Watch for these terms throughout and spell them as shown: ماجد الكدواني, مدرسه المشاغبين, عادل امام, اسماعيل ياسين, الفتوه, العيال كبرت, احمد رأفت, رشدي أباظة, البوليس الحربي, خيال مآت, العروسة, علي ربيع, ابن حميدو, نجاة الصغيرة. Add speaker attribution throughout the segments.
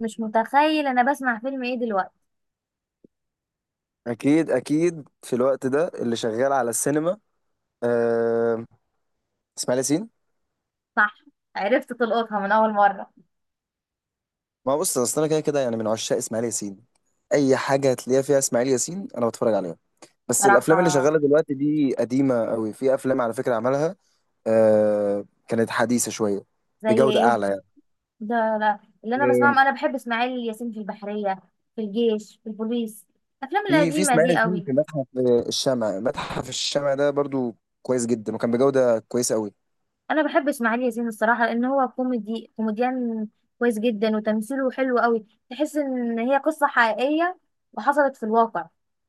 Speaker 1: مش متخيل انا بسمع فيلم ايه دلوقتي.
Speaker 2: اكيد اكيد في الوقت ده اللي شغال على السينما. آه. اسماعيل ياسين.
Speaker 1: صح. عرفت تلقطها من اول مره.
Speaker 2: ما هو بص، اصل انا كده كده يعني من عشاق اسماعيل ياسين، اي حاجه هتلاقيها فيها اسماعيل ياسين انا بتفرج عليها. بس الافلام
Speaker 1: صراحه.
Speaker 2: اللي شغاله دلوقتي دي قديمه قوي، في افلام على فكره عملها. آه، كانت حديثه شويه.
Speaker 1: زي
Speaker 2: بجوده
Speaker 1: ايه؟
Speaker 2: اعلى يعني.
Speaker 1: ده لا، اللي انا
Speaker 2: آه،
Speaker 1: بسمعهم انا بحب اسماعيل ياسين في البحريه، في الجيش، في البوليس. الافلام
Speaker 2: في
Speaker 1: القديمه
Speaker 2: اسماعيل
Speaker 1: دي
Speaker 2: ياسين
Speaker 1: قوي.
Speaker 2: في متحف، الشمع، متحف الشمع ده برضو كويس جدا وكان بجوده كويسه قوي.
Speaker 1: انا بحب اسماعيل ياسين الصراحه لان هو كوميدي كوميديان كويس جدا، وتمثيله حلو قوي. تحس ان هي قصه حقيقيه وحصلت في الواقع.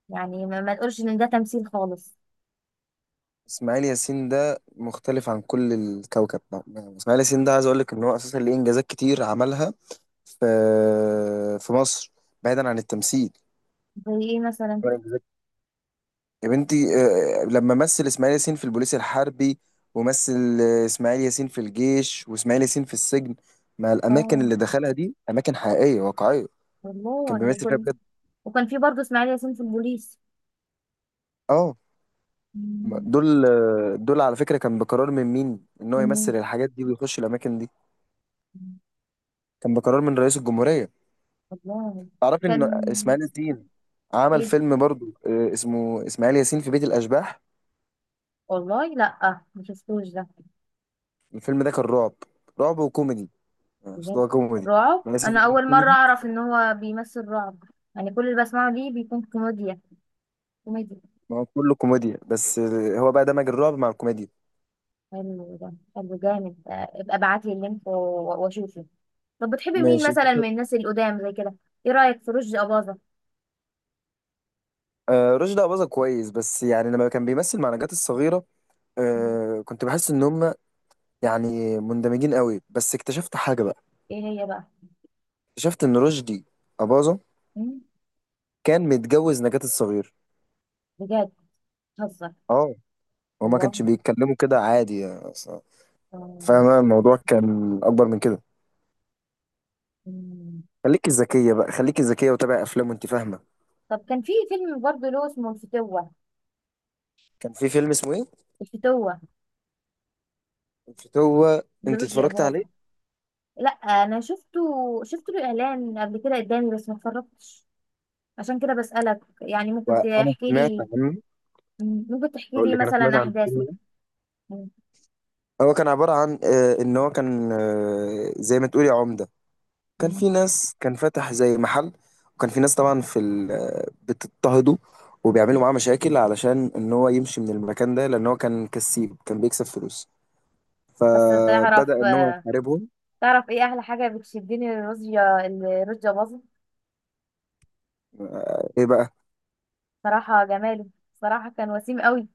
Speaker 1: يعني ما تقولش ان ده تمثيل خالص.
Speaker 2: اسماعيل ياسين ده مختلف عن كل الكوكب بقى. يعني اسماعيل ياسين ده، عايز اقول لك ان هو اساسا ليه انجازات كتير عملها في في مصر، بعيدا عن التمثيل.
Speaker 1: زي ايه مثلا؟
Speaker 2: يا بنتي، لما مثل اسماعيل ياسين في البوليس الحربي، ومثل اسماعيل ياسين في الجيش، واسماعيل ياسين في السجن. ما الاماكن
Speaker 1: اه،
Speaker 2: اللي دخلها دي اماكن حقيقيه واقعيه،
Speaker 1: والله
Speaker 2: كان
Speaker 1: ولا
Speaker 2: بيمثل فيها
Speaker 1: فيلم.
Speaker 2: بجد.
Speaker 1: وكان في برضه اسماعيل ياسين في البوليس.
Speaker 2: اه.
Speaker 1: مم.
Speaker 2: دول على فكره كان بقرار من مين ان هو
Speaker 1: من مين؟
Speaker 2: يمثل الحاجات دي ويخش الاماكن دي. كان بقرار من رئيس الجمهوريه.
Speaker 1: والله.
Speaker 2: تعرفي ان
Speaker 1: كان.
Speaker 2: اسماعيل ياسين عمل
Speaker 1: ايه؟
Speaker 2: فيلم برضو، اسمه اسماعيل ياسين في بيت الاشباح.
Speaker 1: والله لا مش شفتوش ده.
Speaker 2: الفيلم ده كان رعب، رعب وكوميدي. يعني أصل
Speaker 1: بجد؟
Speaker 2: هو كوميدي.
Speaker 1: رعب؟
Speaker 2: اسماعيل
Speaker 1: انا
Speaker 2: ياسين
Speaker 1: اول مره
Speaker 2: كوميدي.
Speaker 1: اعرف ان هو بيمثل رعب. يعني كل اللي بسمعه ليه بيكون كوميديا كوميديا.
Speaker 2: ما هو كله كوميديا، بس هو بقى دمج الرعب مع الكوميديا.
Speaker 1: حلو، ده حلو جامد. ابقى ابعت لي اللينك و- و- واشوفه. طب بتحبي مين
Speaker 2: ماشي.
Speaker 1: مثلا من الناس القدام زي كده؟ ايه رايك في رشدي اباظه؟
Speaker 2: رشدي أباظة كويس، بس يعني لما كان بيمثل مع نجاة الصغيرة، كنت بحس ان هم يعني مندمجين قوي، بس اكتشفت حاجة بقى.
Speaker 1: ايه هي بقى؟
Speaker 2: اكتشفت ان رشدي أباظة
Speaker 1: مم؟
Speaker 2: كان متجوز نجاة الصغيرة.
Speaker 1: بجد؟ بتهزر؟
Speaker 2: اه. وما
Speaker 1: والله.
Speaker 2: كانش بيتكلموا كده عادي يعني.
Speaker 1: آه،
Speaker 2: فاهمة؟ الموضوع كان أكبر من كده.
Speaker 1: مم.
Speaker 2: خليكي ذكية بقى، خليكي ذكية وتابعي أفلام وأنت فاهمة.
Speaker 1: طب كان في فيلم برضه له اسمه الفتوه.
Speaker 2: كان في فيلم اسمه إيه؟
Speaker 1: الفتوه.
Speaker 2: هو. أنت
Speaker 1: لرشدي
Speaker 2: اتفرجت عليه؟
Speaker 1: أباظة. لا، انا شفته. شفت له اعلان قبل كده قدامي بس ما اتفرجتش. عشان كده بسألك، يعني ممكن
Speaker 2: وأنا
Speaker 1: تحكي
Speaker 2: سمعت
Speaker 1: لي؟
Speaker 2: عنه.
Speaker 1: ممكن تحكي
Speaker 2: أقول
Speaker 1: لي
Speaker 2: لك، أنا سمعت
Speaker 1: مثلا
Speaker 2: عن الفيلم
Speaker 1: احداثه؟
Speaker 2: ده. هو كان عبارة عن إن هو كان زي ما تقولي عمدة. كان في
Speaker 1: مم.
Speaker 2: ناس، كان فاتح زي محل، وكان في ناس طبعا في ال- آه، بتضطهده وبيعملوا معاه مشاكل علشان إن هو يمشي من المكان ده، لأن هو كان كسيب، كان بيكسب فلوس.
Speaker 1: بس تعرف،
Speaker 2: فبدأ إن هو يحاربهم.
Speaker 1: تعرف ايه احلى حاجة بتشدني لرشدي، لرشدي أباظة؟
Speaker 2: إيه بقى؟
Speaker 1: صراحة جماله. صراحة كان وسيم قوي.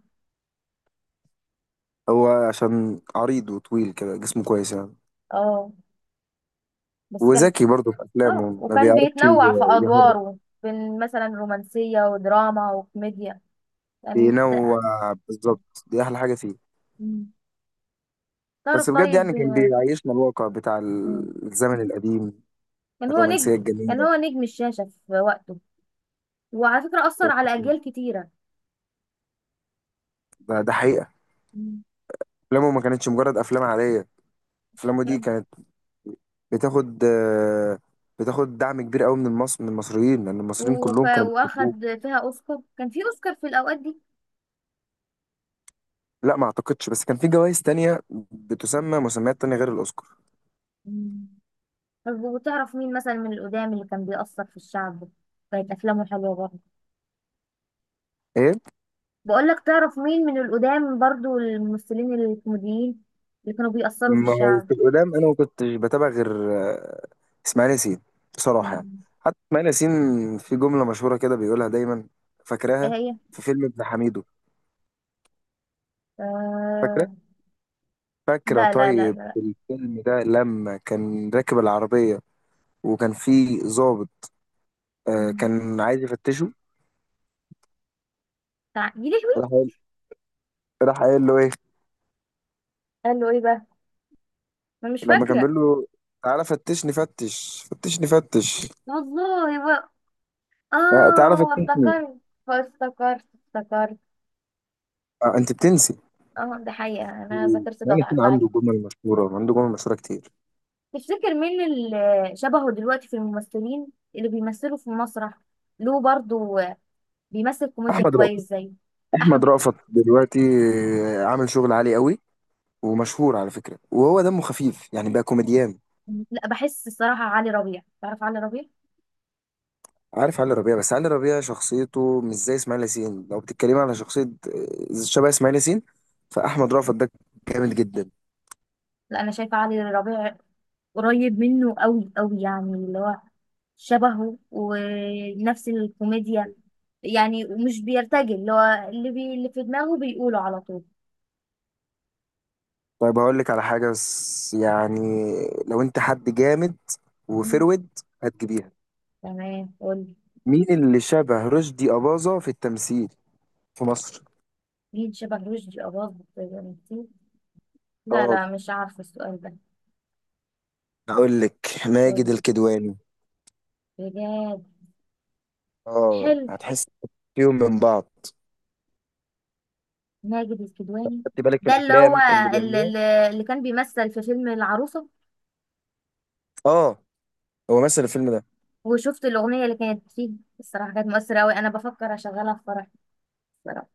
Speaker 2: هو عشان عريض وطويل كده، جسمه كويس يعني.
Speaker 1: اه. بس كان.
Speaker 2: وذكي برضه في
Speaker 1: اه،
Speaker 2: أفلامه، ما
Speaker 1: وكان
Speaker 2: بيعرفش
Speaker 1: بيتنوع في
Speaker 2: ي- يهرب
Speaker 1: ادواره بين مثلا رومانسية ودراما وكوميديا. كانت.
Speaker 2: بينوع، بالظبط دي أحلى حاجة فيه.
Speaker 1: مم. تعرف
Speaker 2: بس بجد
Speaker 1: طيب.
Speaker 2: يعني كان بيعيشنا الواقع بتاع
Speaker 1: مم.
Speaker 2: الزمن القديم،
Speaker 1: كان هو نجم.
Speaker 2: الرومانسية
Speaker 1: كان
Speaker 2: الجميلة.
Speaker 1: هو نجم الشاشة في وقته، وعلى فكرة أثر على أجيال كتيرة.
Speaker 2: ده حقيقة.
Speaker 1: مم.
Speaker 2: أفلامه ما كانتش مجرد أفلام عادية، أفلامه دي
Speaker 1: يعني
Speaker 2: كانت بتاخد آه، بتاخد دعم كبير قوي من المصريين، لأن المصريين كلهم كانوا بيحبوه.
Speaker 1: وأخد فيها أوسكار. كان في أوسكار في الأوقات دي؟
Speaker 2: لا، ما أعتقدش، بس كان في جوائز تانية بتسمى مسميات تانية غير الأوسكار.
Speaker 1: مم. طب وتعرف مين مثلا من القدام اللي كان بيأثر في الشعب؟ كانت أفلامه حلوة برضه.
Speaker 2: إيه؟
Speaker 1: بقول لك، تعرف مين من القدام برضه الممثلين الكوميديين اللي كانوا بيأثروا في
Speaker 2: ما هو
Speaker 1: الشعب؟
Speaker 2: في القدام انا ما كنتش بتابع غير اسماعيل ياسين، بصراحه يعني.
Speaker 1: مم.
Speaker 2: حتى اسماعيل ياسين في جمله مشهوره كده بيقولها دايما،
Speaker 1: إيه
Speaker 2: فاكراها؟
Speaker 1: هي؟
Speaker 2: في فيلم ابن حميدو. فاكره؟
Speaker 1: آه...
Speaker 2: فاكره
Speaker 1: لا لا لا
Speaker 2: طيب
Speaker 1: لا.
Speaker 2: الفيلم ده لما كان راكب العربيه، وكان في ضابط
Speaker 1: مم.
Speaker 2: كان عايز يفتشه.
Speaker 1: يا لهوي.
Speaker 2: راح قايل راح قايل له ايه؟
Speaker 1: قال له إيه بقى؟ أنا مش
Speaker 2: لما كان
Speaker 1: فاكرة.
Speaker 2: بيقول له تعالى فتشني فتش، فتشني فتش.
Speaker 1: والله.
Speaker 2: تعالى
Speaker 1: اه،
Speaker 2: فتشني.
Speaker 1: افتكرت، افتكرت، افتكرت.
Speaker 2: انت بتنسي.
Speaker 1: اه، ده حقيقة، انا ذاكرتي
Speaker 2: اسماعيل ياسين عنده
Speaker 1: ضعيفة.
Speaker 2: جمل مشهوره، وعنده جمل مشهوره كتير.
Speaker 1: تفتكر مين اللي شبهه دلوقتي في الممثلين اللي بيمثلوا في المسرح له برضو، بيمثل كوميديا
Speaker 2: احمد
Speaker 1: كويس
Speaker 2: رأفت.
Speaker 1: زي
Speaker 2: احمد
Speaker 1: احمد؟
Speaker 2: رأفت دلوقتي عامل شغل عالي قوي، ومشهور على فكره، وهو دمه خفيف يعني بقى كوميديان.
Speaker 1: لا، بحس الصراحة علي ربيع. تعرف علي ربيع؟
Speaker 2: عارف علي ربيع، بس علي ربيع شخصيته مش زي اسماعيل ياسين. لو بتتكلمي على شخصيه شبه اسماعيل ياسين، فاحمد رأفت ده جامد جدا.
Speaker 1: لا انا شايفة علي ربيع قريب منه قوي قوي، يعني اللي هو شبهه ونفس الكوميديا يعني. ومش بيرتجل. اللي هو اللي في دماغه بيقوله على طول.
Speaker 2: طيب هقول لك على حاجه، بس يعني لو انت حد جامد وفرود هتجيبيها.
Speaker 1: تمام، قولي.
Speaker 2: مين اللي شبه رشدي أباظة في التمثيل في مصر؟
Speaker 1: مين شبه رشدي أباظة بنتي؟ لا
Speaker 2: اه،
Speaker 1: لا، مش عارفة السؤال ده.
Speaker 2: هقول لك. ماجد
Speaker 1: قولي.
Speaker 2: الكدواني.
Speaker 1: بجد؟
Speaker 2: اه،
Speaker 1: حلو.
Speaker 2: هتحس فيهم من بعض.
Speaker 1: ماجد الكدواني؟
Speaker 2: خدت بالك في
Speaker 1: ده اللي هو
Speaker 2: الافلام اللي
Speaker 1: اللي,
Speaker 2: بيعملوها؟
Speaker 1: اللي اللي كان بيمثل في فيلم العروسة.
Speaker 2: اه، هو مثل الفيلم ده.
Speaker 1: وشفت الأغنية اللي كانت فيه؟ الصراحة كانت مؤثرة أوي. أنا بفكر أشغلها في فرح الصراحة.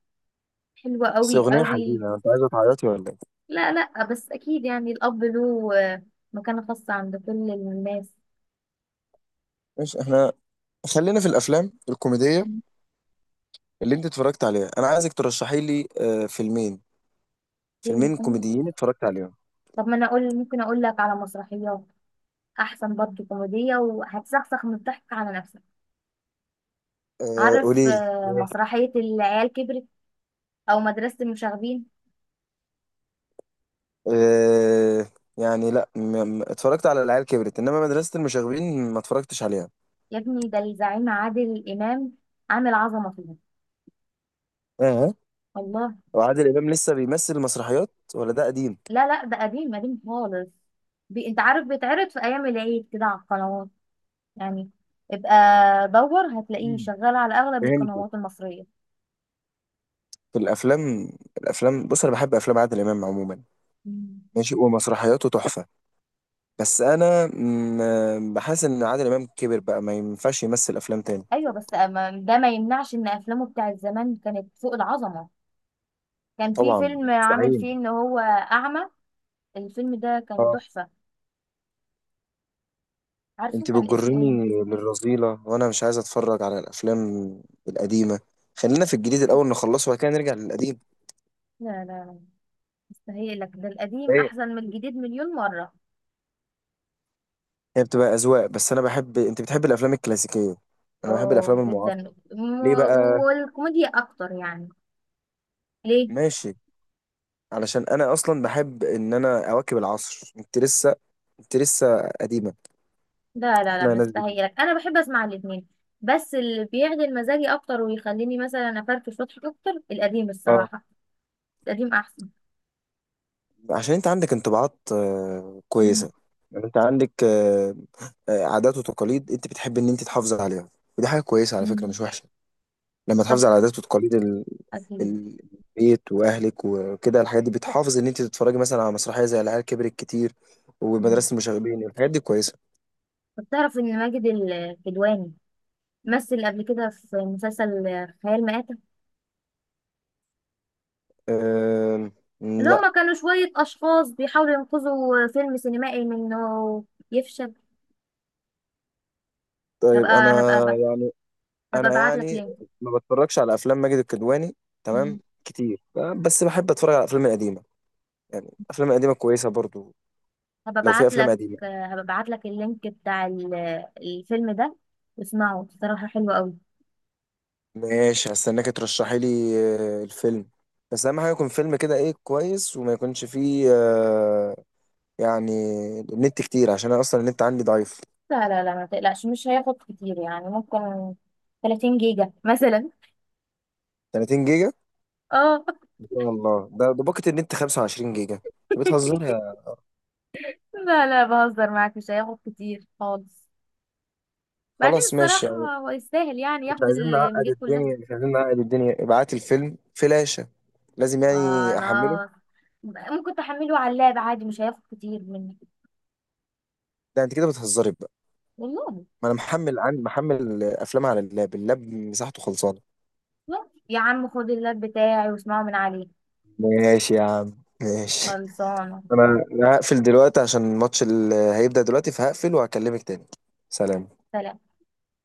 Speaker 1: حلوة
Speaker 2: بس
Speaker 1: أوي
Speaker 2: اغنيه
Speaker 1: أوي.
Speaker 2: حزينه، انت عايزه تعيطي ولا ايه؟
Speaker 1: لا لا، بس أكيد يعني الأب له مكانة خاصة عند كل الناس.
Speaker 2: ماشي، احنا خلينا في الافلام الكوميديه. اللي انت اتفرجت عليها، انا عايزك ترشحي لي فيلمين،
Speaker 1: فيلم
Speaker 2: فيلمين
Speaker 1: كوميدي؟
Speaker 2: كوميديين اتفرجت عليهم.
Speaker 1: طب ما أنا أقول، ممكن أقول لك على مسرحيات؟ احسن برضه كوميديه، وهتسخسخ من الضحك على نفسك. عارف
Speaker 2: قولي لي. إيه؟
Speaker 1: مسرحيه العيال كبرت؟ او مدرسه المشاغبين؟
Speaker 2: آه، يعني لا، اتفرجت على العيال كبرت، انما مدرسه المشاغبين ما اتفرجتش عليها.
Speaker 1: يا ابني ده الزعيم عادل امام عامل عظمه فيها.
Speaker 2: اه.
Speaker 1: الله.
Speaker 2: وعادل امام لسه بيمثل مسرحيات ولا ده قديم؟
Speaker 1: لا لا، ده قديم قديم خالص. انت عارف بيتعرض في ايام العيد كده على القنوات يعني. ابقى دور، هتلاقيه
Speaker 2: مم.
Speaker 1: شغال على اغلب
Speaker 2: فهمت.
Speaker 1: القنوات المصريه.
Speaker 2: في الافلام الافلام بص، انا بحب افلام عادل امام عموما.
Speaker 1: مم.
Speaker 2: ماشي، ومسرحياته تحفة. بس أنا بحس إن عادل إمام كبر بقى، ما ينفعش يمثل أفلام تاني.
Speaker 1: ايوه، بس أما ده ما يمنعش ان افلامه بتاعت زمان كانت فوق العظمه. كان في
Speaker 2: طبعا
Speaker 1: فيلم عامل
Speaker 2: مستحيل.
Speaker 1: فيه ان هو اعمى. الفيلم ده كان
Speaker 2: اه.
Speaker 1: تحفة. عارفة
Speaker 2: أنت
Speaker 1: كان اسمه
Speaker 2: بتجرني
Speaker 1: ايه؟
Speaker 2: للرذيلة، وأنا مش عايز أتفرج على الأفلام القديمة. خلينا في الجديد الأول نخلصه، وبعد كده نرجع للقديم.
Speaker 1: لا لا لا، مستهيئلك ده القديم
Speaker 2: ايه؟
Speaker 1: أحسن من الجديد مليون مرة.
Speaker 2: هي بتبقى أذواق. بس أنا بحب أنت بتحب الأفلام الكلاسيكية، أنا بحب
Speaker 1: اه
Speaker 2: الأفلام
Speaker 1: جدا
Speaker 2: المعاصرة. ليه بقى؟
Speaker 1: والكوميديا أكتر يعني. ليه؟
Speaker 2: ماشي، علشان أنا أصلا بحب إن أنا أواكب العصر. أنت لسه قديمة.
Speaker 1: لا لا لا،
Speaker 2: إحنا ناس جديدة.
Speaker 1: مستهيئلك أنا بحب أسمع الاتنين. بس اللي بيعدل مزاجي أكتر ويخليني مثلا أفرفش وأضحك أكتر القديم
Speaker 2: اه،
Speaker 1: الصراحة. القديم أحسن.
Speaker 2: عشان انت عندك انطباعات
Speaker 1: مم.
Speaker 2: كويسة. يعني انت عندك عادات وتقاليد انت بتحب ان انت تحافظ عليها، ودي حاجة كويسة على فكرة،
Speaker 1: مم.
Speaker 2: مش وحشة. لما
Speaker 1: طب
Speaker 2: تحافظ على عادات وتقاليد
Speaker 1: أكيد.
Speaker 2: ال- البيت واهلك وكده، الحاجات دي بتحافظ ان انت تتفرجي مثلا على مسرحية زي العيال كبرت كتير،
Speaker 1: مم.
Speaker 2: ومدرسة المشاغبين. الحاجات دي كويسة.
Speaker 1: طب تعرف إن ماجد الكدواني مثل قبل كده في مسلسل خيال مآت؟
Speaker 2: آم،
Speaker 1: اللي
Speaker 2: لا.
Speaker 1: هما كانوا شوية أشخاص بيحاولوا ينقذوا فيلم سينمائي من إنه يفشل.
Speaker 2: طيب
Speaker 1: هبقى هبقى
Speaker 2: انا،
Speaker 1: هبقى, هبقى أبعت لك
Speaker 2: يعني
Speaker 1: لينك.
Speaker 2: ما بتفرجش على افلام ماجد الكدواني
Speaker 1: مم.
Speaker 2: تمام كتير. بس بحب اتفرج على الافلام القديمة، يعني الافلام القديمة كويسة برضو.
Speaker 1: هبقى
Speaker 2: لو في
Speaker 1: أبعت
Speaker 2: افلام
Speaker 1: لك
Speaker 2: قديمه،
Speaker 1: هبقى أبعت لك اللينك بتاع الفيلم ده. واسمعه، صراحة حلو قوي.
Speaker 2: ماشي، هستناك ترشحي لي الفيلم. بس اهم حاجه يكون فيلم كده ايه كويس، وما يكونش فيه يعني النت كتير، عشان انا اصلا النت عندي ضعيف.
Speaker 1: لا لا لا، ما تقلقش مش هياخد كتير. يعني ممكن 30 جيجا مثلا.
Speaker 2: 30 جيجا؟
Speaker 1: اه.
Speaker 2: ان شاء الله، ده باقة النت 25 جيجا، انت بتهزر يا.
Speaker 1: لا لا، بهزر معاك، مش هياخد كتير خالص. بعدين
Speaker 2: خلاص ماشي
Speaker 1: الصراحة
Speaker 2: يعني،
Speaker 1: هو يستاهل يعني
Speaker 2: مش
Speaker 1: ياخد
Speaker 2: عايزين نعقد
Speaker 1: الميجات كلها.
Speaker 2: الدنيا، مش عايزين نعقد الدنيا، ابعت الفيلم فلاشة. لازم يعني احمله.
Speaker 1: خلاص. ممكن تحمله على اللاب عادي، مش هياخد كتير مني.
Speaker 2: ده انت كده بتهزري بقى.
Speaker 1: والله.
Speaker 2: ما انا محمل عن محمل افلام على اللاب، اللاب مساحته خلصانه.
Speaker 1: بس يا عم خد اللاب بتاعي واسمعه من عليه.
Speaker 2: ماشي يا عم. ماشي.
Speaker 1: خلصانة.
Speaker 2: أنا هقفل دلوقتي عشان الماتش اللي هيبدأ دلوقتي، فهقفل وهكلمك تاني. سلام.
Speaker 1: سلام.